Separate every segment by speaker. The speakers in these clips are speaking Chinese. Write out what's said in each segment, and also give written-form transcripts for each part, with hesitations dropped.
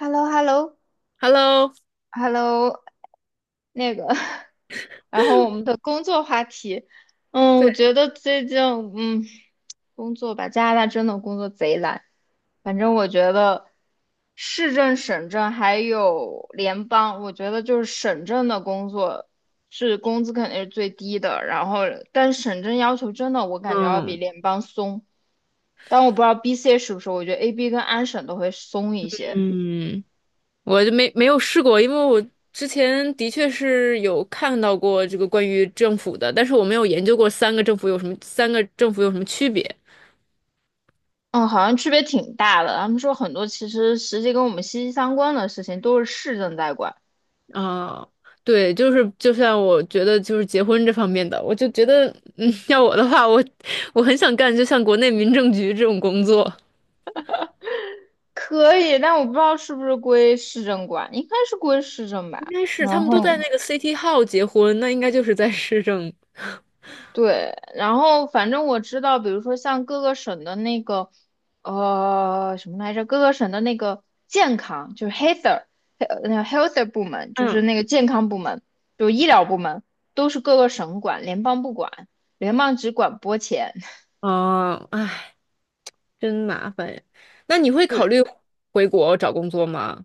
Speaker 1: h e l l o h e l l o
Speaker 2: Hello，
Speaker 1: h e l l o 那个，然后我们 的工作话题，
Speaker 2: 对，
Speaker 1: 我觉得最近，嗯，工作吧，加拿大真的工作贼难，反正我觉得市政、省政还有联邦，我觉得就是省政的工作是工资肯定是最低的，然后但是省政要求真的我感觉要比
Speaker 2: 嗯
Speaker 1: 联邦松，但我不知道 BC 是不是，我觉得 AB 跟安省都会松一些。
Speaker 2: 嗯，我就没有试过，因为我之前的确是有看到过这个关于政府的，但是我没有研究过三个政府有什么，三个政府有什么区别
Speaker 1: 嗯，好像区别挺大的。他们说很多其实实际跟我们息息相关的事情都是市政在管，
Speaker 2: 啊？对，就是就像我觉得就是结婚这方面的，我就觉得，嗯，要我的话，我很想干，就像国内民政局这种工作，
Speaker 1: 可以，但我不知道是不是归市政管，应该是归市政
Speaker 2: 应
Speaker 1: 吧。
Speaker 2: 该是他
Speaker 1: 然
Speaker 2: 们都
Speaker 1: 后
Speaker 2: 在那个 City Hall 结婚，那应该就是在市政。
Speaker 1: 对，然后反正我知道，比如说像各个省的那个什么来着，各个省的那个健康就是 health 那个 health 部门，就是
Speaker 2: 嗯，
Speaker 1: 那个健康部门，就是医疗部门，都是各个省管，联邦不管，联邦只管拨钱。
Speaker 2: 哦，唉，真麻烦呀。那你会考
Speaker 1: 对
Speaker 2: 虑回国找工作吗？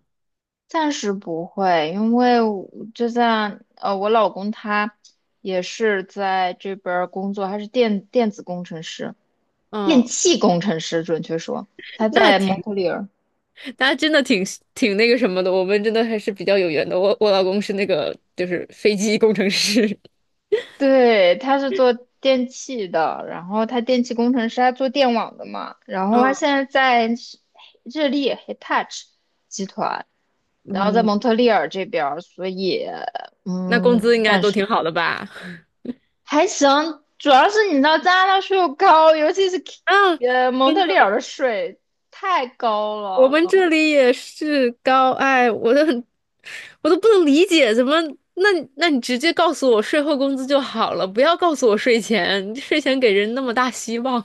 Speaker 1: 暂时不会，因为我就像我老公他也是在这边儿工作，他是电子工程师，电
Speaker 2: 哦，
Speaker 1: 气工程师，准确说，他
Speaker 2: 那
Speaker 1: 在蒙
Speaker 2: 挺，
Speaker 1: 特利尔，
Speaker 2: 那真的挺那个什么的。我们真的还是比较有缘的。我老公是那个就是飞机工程师。
Speaker 1: 对，他是做电气的，然后他电气工程师，他做电网的嘛，然后他
Speaker 2: 嗯
Speaker 1: 现在在是日立 Hitachi 集团，然后在
Speaker 2: 嗯，
Speaker 1: 蒙特利尔这边儿，所以
Speaker 2: 那工
Speaker 1: 嗯。
Speaker 2: 资应该
Speaker 1: 暂
Speaker 2: 都
Speaker 1: 时。
Speaker 2: 挺好的吧？
Speaker 1: 还行，主要是你知道加拿大税又高，尤其是
Speaker 2: 啊，
Speaker 1: 蒙
Speaker 2: 真
Speaker 1: 特利尔
Speaker 2: 的，
Speaker 1: 的税太高
Speaker 2: 我
Speaker 1: 了。
Speaker 2: 们这里也是高，哎，我都很，我都不能理解，怎么？那那你直接告诉我税后工资就好了，不要告诉我税前，税前给人那么大希望。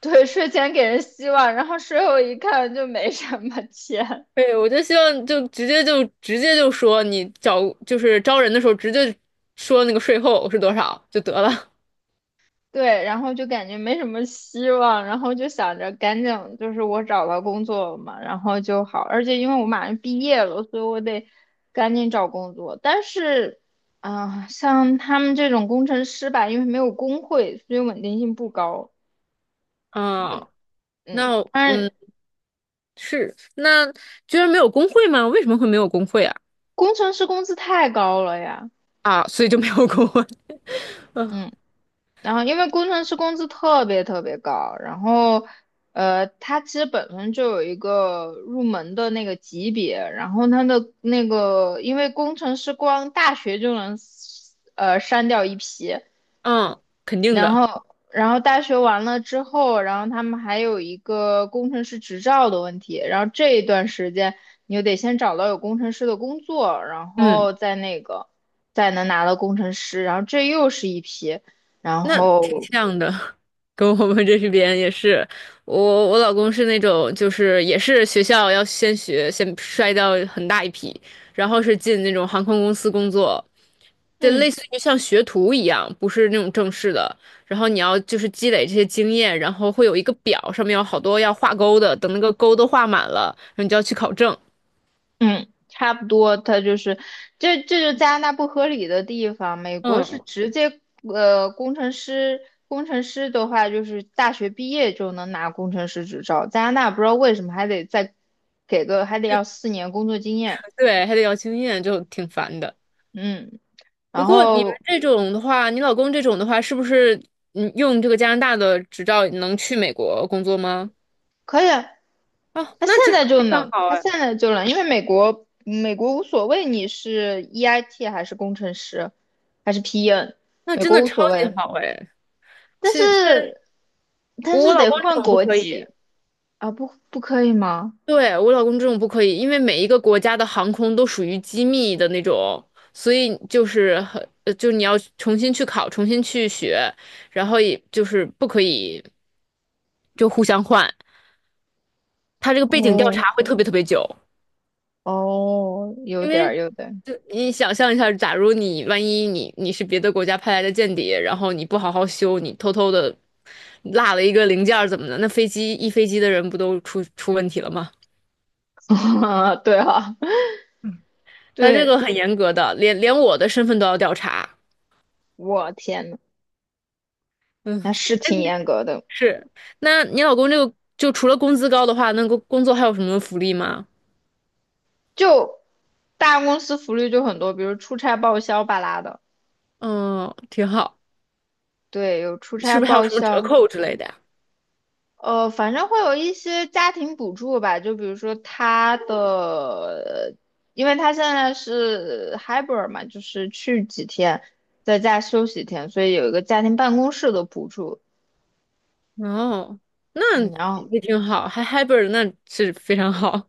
Speaker 1: 对，税前给人希望，然后税后一看就没什么钱，
Speaker 2: 对，我就希望就直接就直接就说你找就是招人的时候直接说那个税后是多少就得了。
Speaker 1: 对，然后就感觉没什么希望，然后就想着赶紧就是我找到工作了嘛，然后就好，而且因为我马上毕业了，所以我得赶紧找工作。但是啊、像他们这种工程师吧，因为没有工会，所以稳定性不高。
Speaker 2: 啊，
Speaker 1: 嗯，
Speaker 2: 那
Speaker 1: 但
Speaker 2: 嗯
Speaker 1: 是。
Speaker 2: 是，那居然没有工会吗？为什么会没有工会啊？
Speaker 1: 工程师工资太高了呀，
Speaker 2: 啊，所以就没有工会。嗯
Speaker 1: 嗯，然后因为工程师工资特别特别高，然后他其实本身就有一个入门的那个级别，然后他的那个，因为工程师光大学就能删掉一批，
Speaker 2: 嗯，肯定
Speaker 1: 然
Speaker 2: 的。
Speaker 1: 后，然后大学完了之后，然后他们还有一个工程师执照的问题。然后这一段时间，你就得先找到有工程师的工作，然
Speaker 2: 嗯。
Speaker 1: 后再那个，再能拿到工程师。然后这又是一批，然
Speaker 2: 那挺
Speaker 1: 后，
Speaker 2: 像的，跟我们这边也是。我老公是那种，就是也是学校要先学，先筛掉很大一批，然后是进那种航空公司工作，就类
Speaker 1: 嗯，
Speaker 2: 似于像学徒一样，不是那种正式的。然后你要就是积累这些经验，然后会有一个表，上面有好多要画勾的，等那个勾都画满了，然后你就要去考证。
Speaker 1: 嗯，差不多，它就是，这就是加拿大不合理的地方。美国是
Speaker 2: 嗯，
Speaker 1: 直接，呃，工程师，工程师的话就是大学毕业就能拿工程师执照，加拿大不知道为什么还得再给个，还得要4年工作经验。
Speaker 2: 对，还得要经验，就挺烦的。
Speaker 1: 嗯，
Speaker 2: 不
Speaker 1: 然
Speaker 2: 过你们
Speaker 1: 后
Speaker 2: 这种的话，你老公这种的话，是不是用这个加拿大的执照能去美国工作吗？
Speaker 1: 可以啊，
Speaker 2: 哦，
Speaker 1: 他
Speaker 2: 那
Speaker 1: 现
Speaker 2: 这非
Speaker 1: 在就
Speaker 2: 常
Speaker 1: 能，
Speaker 2: 好
Speaker 1: 他
Speaker 2: 哎，
Speaker 1: 现在就能，因为美国，美国无所谓你是 EIT 还是工程师，还是 PN，
Speaker 2: 那
Speaker 1: 美
Speaker 2: 真
Speaker 1: 国
Speaker 2: 的
Speaker 1: 无所
Speaker 2: 超级
Speaker 1: 谓，
Speaker 2: 好哎。
Speaker 1: 但
Speaker 2: 是是，
Speaker 1: 是但
Speaker 2: 我
Speaker 1: 是
Speaker 2: 老
Speaker 1: 得
Speaker 2: 公这
Speaker 1: 换
Speaker 2: 种不
Speaker 1: 国
Speaker 2: 可以。
Speaker 1: 籍。啊，不，不可以吗？
Speaker 2: 对，我老公这种不可以，因为每一个国家的航空都属于机密的那种，所以就是很，就你要重新去考，重新去学，然后也就是不可以就互相换，他这个背景调
Speaker 1: 哦
Speaker 2: 查会特别特别久。
Speaker 1: 哦，有
Speaker 2: 因
Speaker 1: 点
Speaker 2: 为
Speaker 1: 儿，
Speaker 2: 就你想象一下，假如你万一你是别的国家派来的间谍，然后你不好好修，你偷偷的落了一个零件儿怎么的？那飞机一飞机的人不都出问题了吗？
Speaker 1: 对哈
Speaker 2: 他这
Speaker 1: 对，
Speaker 2: 个很严格的，连我的身份都要调查。
Speaker 1: 我天呐，
Speaker 2: 嗯，
Speaker 1: 那是挺 严格的。
Speaker 2: 是。那你老公这个就除了工资高的话，那个工作还有什么福利吗？
Speaker 1: 就大公司福利就很多，比如出差报销巴拉的，
Speaker 2: 嗯，挺好。
Speaker 1: 对，有出
Speaker 2: 是
Speaker 1: 差
Speaker 2: 不是还有
Speaker 1: 报
Speaker 2: 什么折
Speaker 1: 销，
Speaker 2: 扣之类的呀？
Speaker 1: 反正会有一些家庭补助吧，就比如说他的，因为他现在是 hybrid 嘛，就是去几天，在家休息一天，所以有一个家庭办公室的补助。
Speaker 2: 哦，那
Speaker 1: 嗯，然后
Speaker 2: 也挺好，还 hybrid，那是非常好。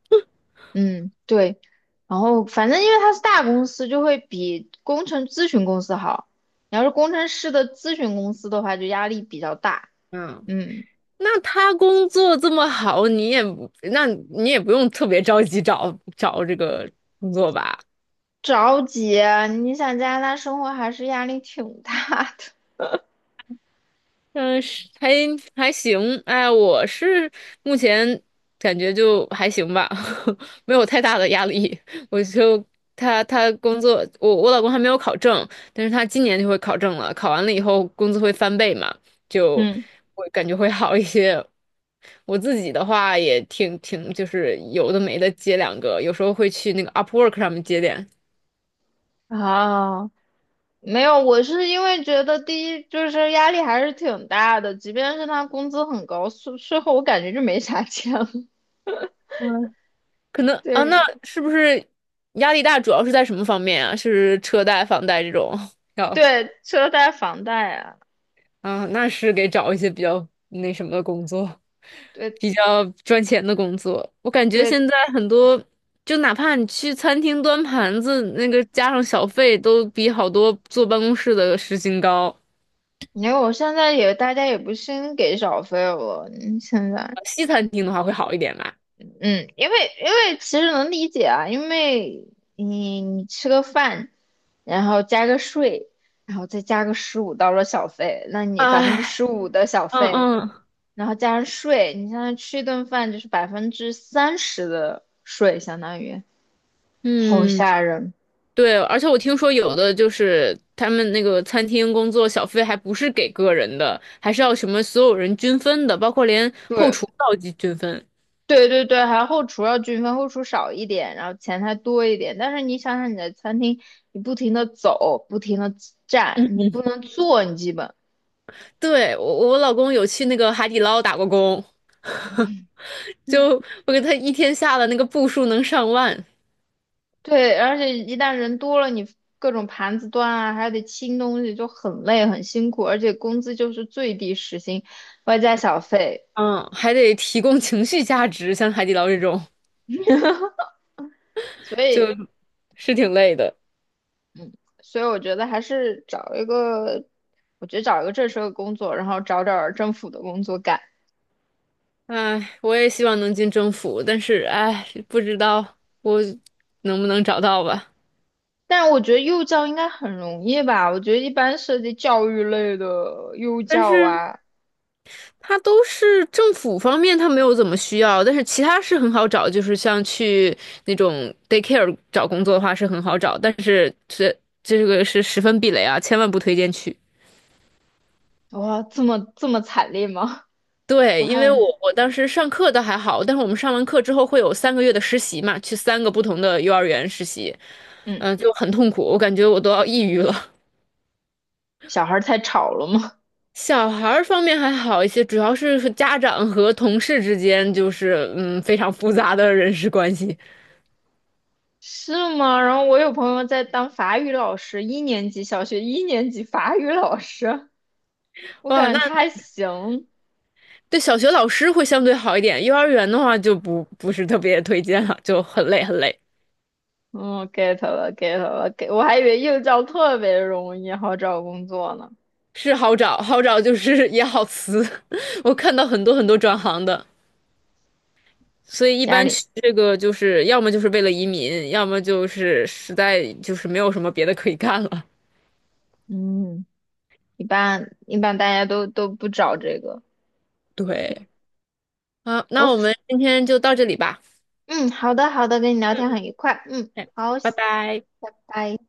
Speaker 1: 嗯，对，然后反正因为它是大公司，就会比工程咨询公司好。你要是工程师的咨询公司的话，就压力比较大。
Speaker 2: 嗯。
Speaker 1: 嗯，
Speaker 2: 那他工作这么好，你也不那你也不用特别着急找找这个工作吧？
Speaker 1: 着急啊你想加拿大生活还是压力挺大的。
Speaker 2: 嗯，是还还行，哎，我是目前感觉就还行吧，没有太大的压力。我就他工作，我老公还没有考证，但是他今年就会考证了，考完了以后工资会翻倍嘛，就
Speaker 1: 嗯，
Speaker 2: 我感觉会好一些。我自己的话也挺挺，就是有的没的接两个，有时候会去那个 Upwork 上面接点。
Speaker 1: 啊，没有，我是因为觉得第一就是压力还是挺大的，即便是他工资很高，税后我感觉就没啥钱了。
Speaker 2: 可能啊，那
Speaker 1: 对
Speaker 2: 是不是压力大主要是在什么方面啊？是车贷、房贷这种？要
Speaker 1: 对，车贷、房贷啊，
Speaker 2: 啊，那是给找一些比较那什么的工作，
Speaker 1: 对
Speaker 2: 比较赚钱的工作。我感觉
Speaker 1: 对。
Speaker 2: 现在很多，就哪怕你去餐厅端盘子，那个加上小费，都比好多坐办公室的时薪高。
Speaker 1: 因为我现在也大家也不兴给小费了，现在，
Speaker 2: 西餐厅的话会好一点吧？
Speaker 1: 嗯，因为其实能理解啊，因为你吃个饭，然后加个税，然后再加个十五到了小费，那你百分之
Speaker 2: 唉，
Speaker 1: 十五的小费，
Speaker 2: 嗯
Speaker 1: 然后加上税，你现在吃一顿饭就是30%的税，相当于好
Speaker 2: 嗯。
Speaker 1: 吓人。
Speaker 2: 对，而且我听说有的就是他们那个餐厅工作小费还不是给个人的，还是要什么所有人均分的，包括连后
Speaker 1: 对，
Speaker 2: 厨都要均分。
Speaker 1: 对对对，还有后厨要均分，后厨少一点，然后前台多一点。但是你想想，你的餐厅，你不停的走，不停的站，
Speaker 2: 嗯，
Speaker 1: 你不能坐，你基本
Speaker 2: 对，我老公有去那个海底捞打过工，就我给他一天下的那个步数能上万，
Speaker 1: 对，而且一旦人多了，你各种盘子端啊，还得清东西，就很累很辛苦，而且工资就是最低时薪，外加小费，
Speaker 2: 嗯，还得提供情绪价值，像海底捞这种
Speaker 1: 所
Speaker 2: 就
Speaker 1: 以
Speaker 2: 是挺累的。
Speaker 1: 所以我觉得还是找一个，我觉得找一个正式的工作，然后找点儿政府的工作干。
Speaker 2: 唉，我也希望能进政府，但是唉，不知道我能不能找到吧。
Speaker 1: 但我觉得幼教应该很容易吧？我觉得一般涉及教育类的幼
Speaker 2: 但
Speaker 1: 教
Speaker 2: 是
Speaker 1: 啊，
Speaker 2: 他都是政府方面，他没有怎么需要，但是其他是很好找，就是像去那种 daycare 找工作的话是很好找，但是这个是十分避雷啊，千万不推荐去。
Speaker 1: 哇，这么惨烈吗？我
Speaker 2: 对，因为我
Speaker 1: 还
Speaker 2: 我当时上课倒还好，但是我们上完课之后会有三个月的实习嘛，去三个不同的幼儿园实习，
Speaker 1: 嗯，
Speaker 2: 就很痛苦，我感觉我都要抑郁了。
Speaker 1: 小孩儿太吵了吗？
Speaker 2: 小孩儿方面还好一些，主要是和家长和同事之间就是非常复杂的人事关系。
Speaker 1: 是吗？然后我有朋友在当法语老师，一年级小学一年级法语老师，我
Speaker 2: 哇，
Speaker 1: 感
Speaker 2: 那
Speaker 1: 觉他还行。
Speaker 2: 对，小学老师会相对好一点，幼儿园的话就不是特别推荐了，就很累很累。
Speaker 1: 嗯，get 了，get 了，get，我还以为幼教特别容易，好找工作呢。
Speaker 2: 是好找，好找就是 也好辞。我看到很多很多转行的，所以一
Speaker 1: 家
Speaker 2: 般
Speaker 1: 里，
Speaker 2: 去这个就是要么就是为了移民，要么就是实在就是没有什么别的可以干了。
Speaker 1: 嗯，一般大家都不找这个。可以。
Speaker 2: 对，好，那
Speaker 1: 我
Speaker 2: 我们今天就到这里吧。
Speaker 1: 嗯，好的好的，跟你聊天很愉快。嗯，
Speaker 2: 哎，
Speaker 1: 好，
Speaker 2: 拜拜。
Speaker 1: 拜拜。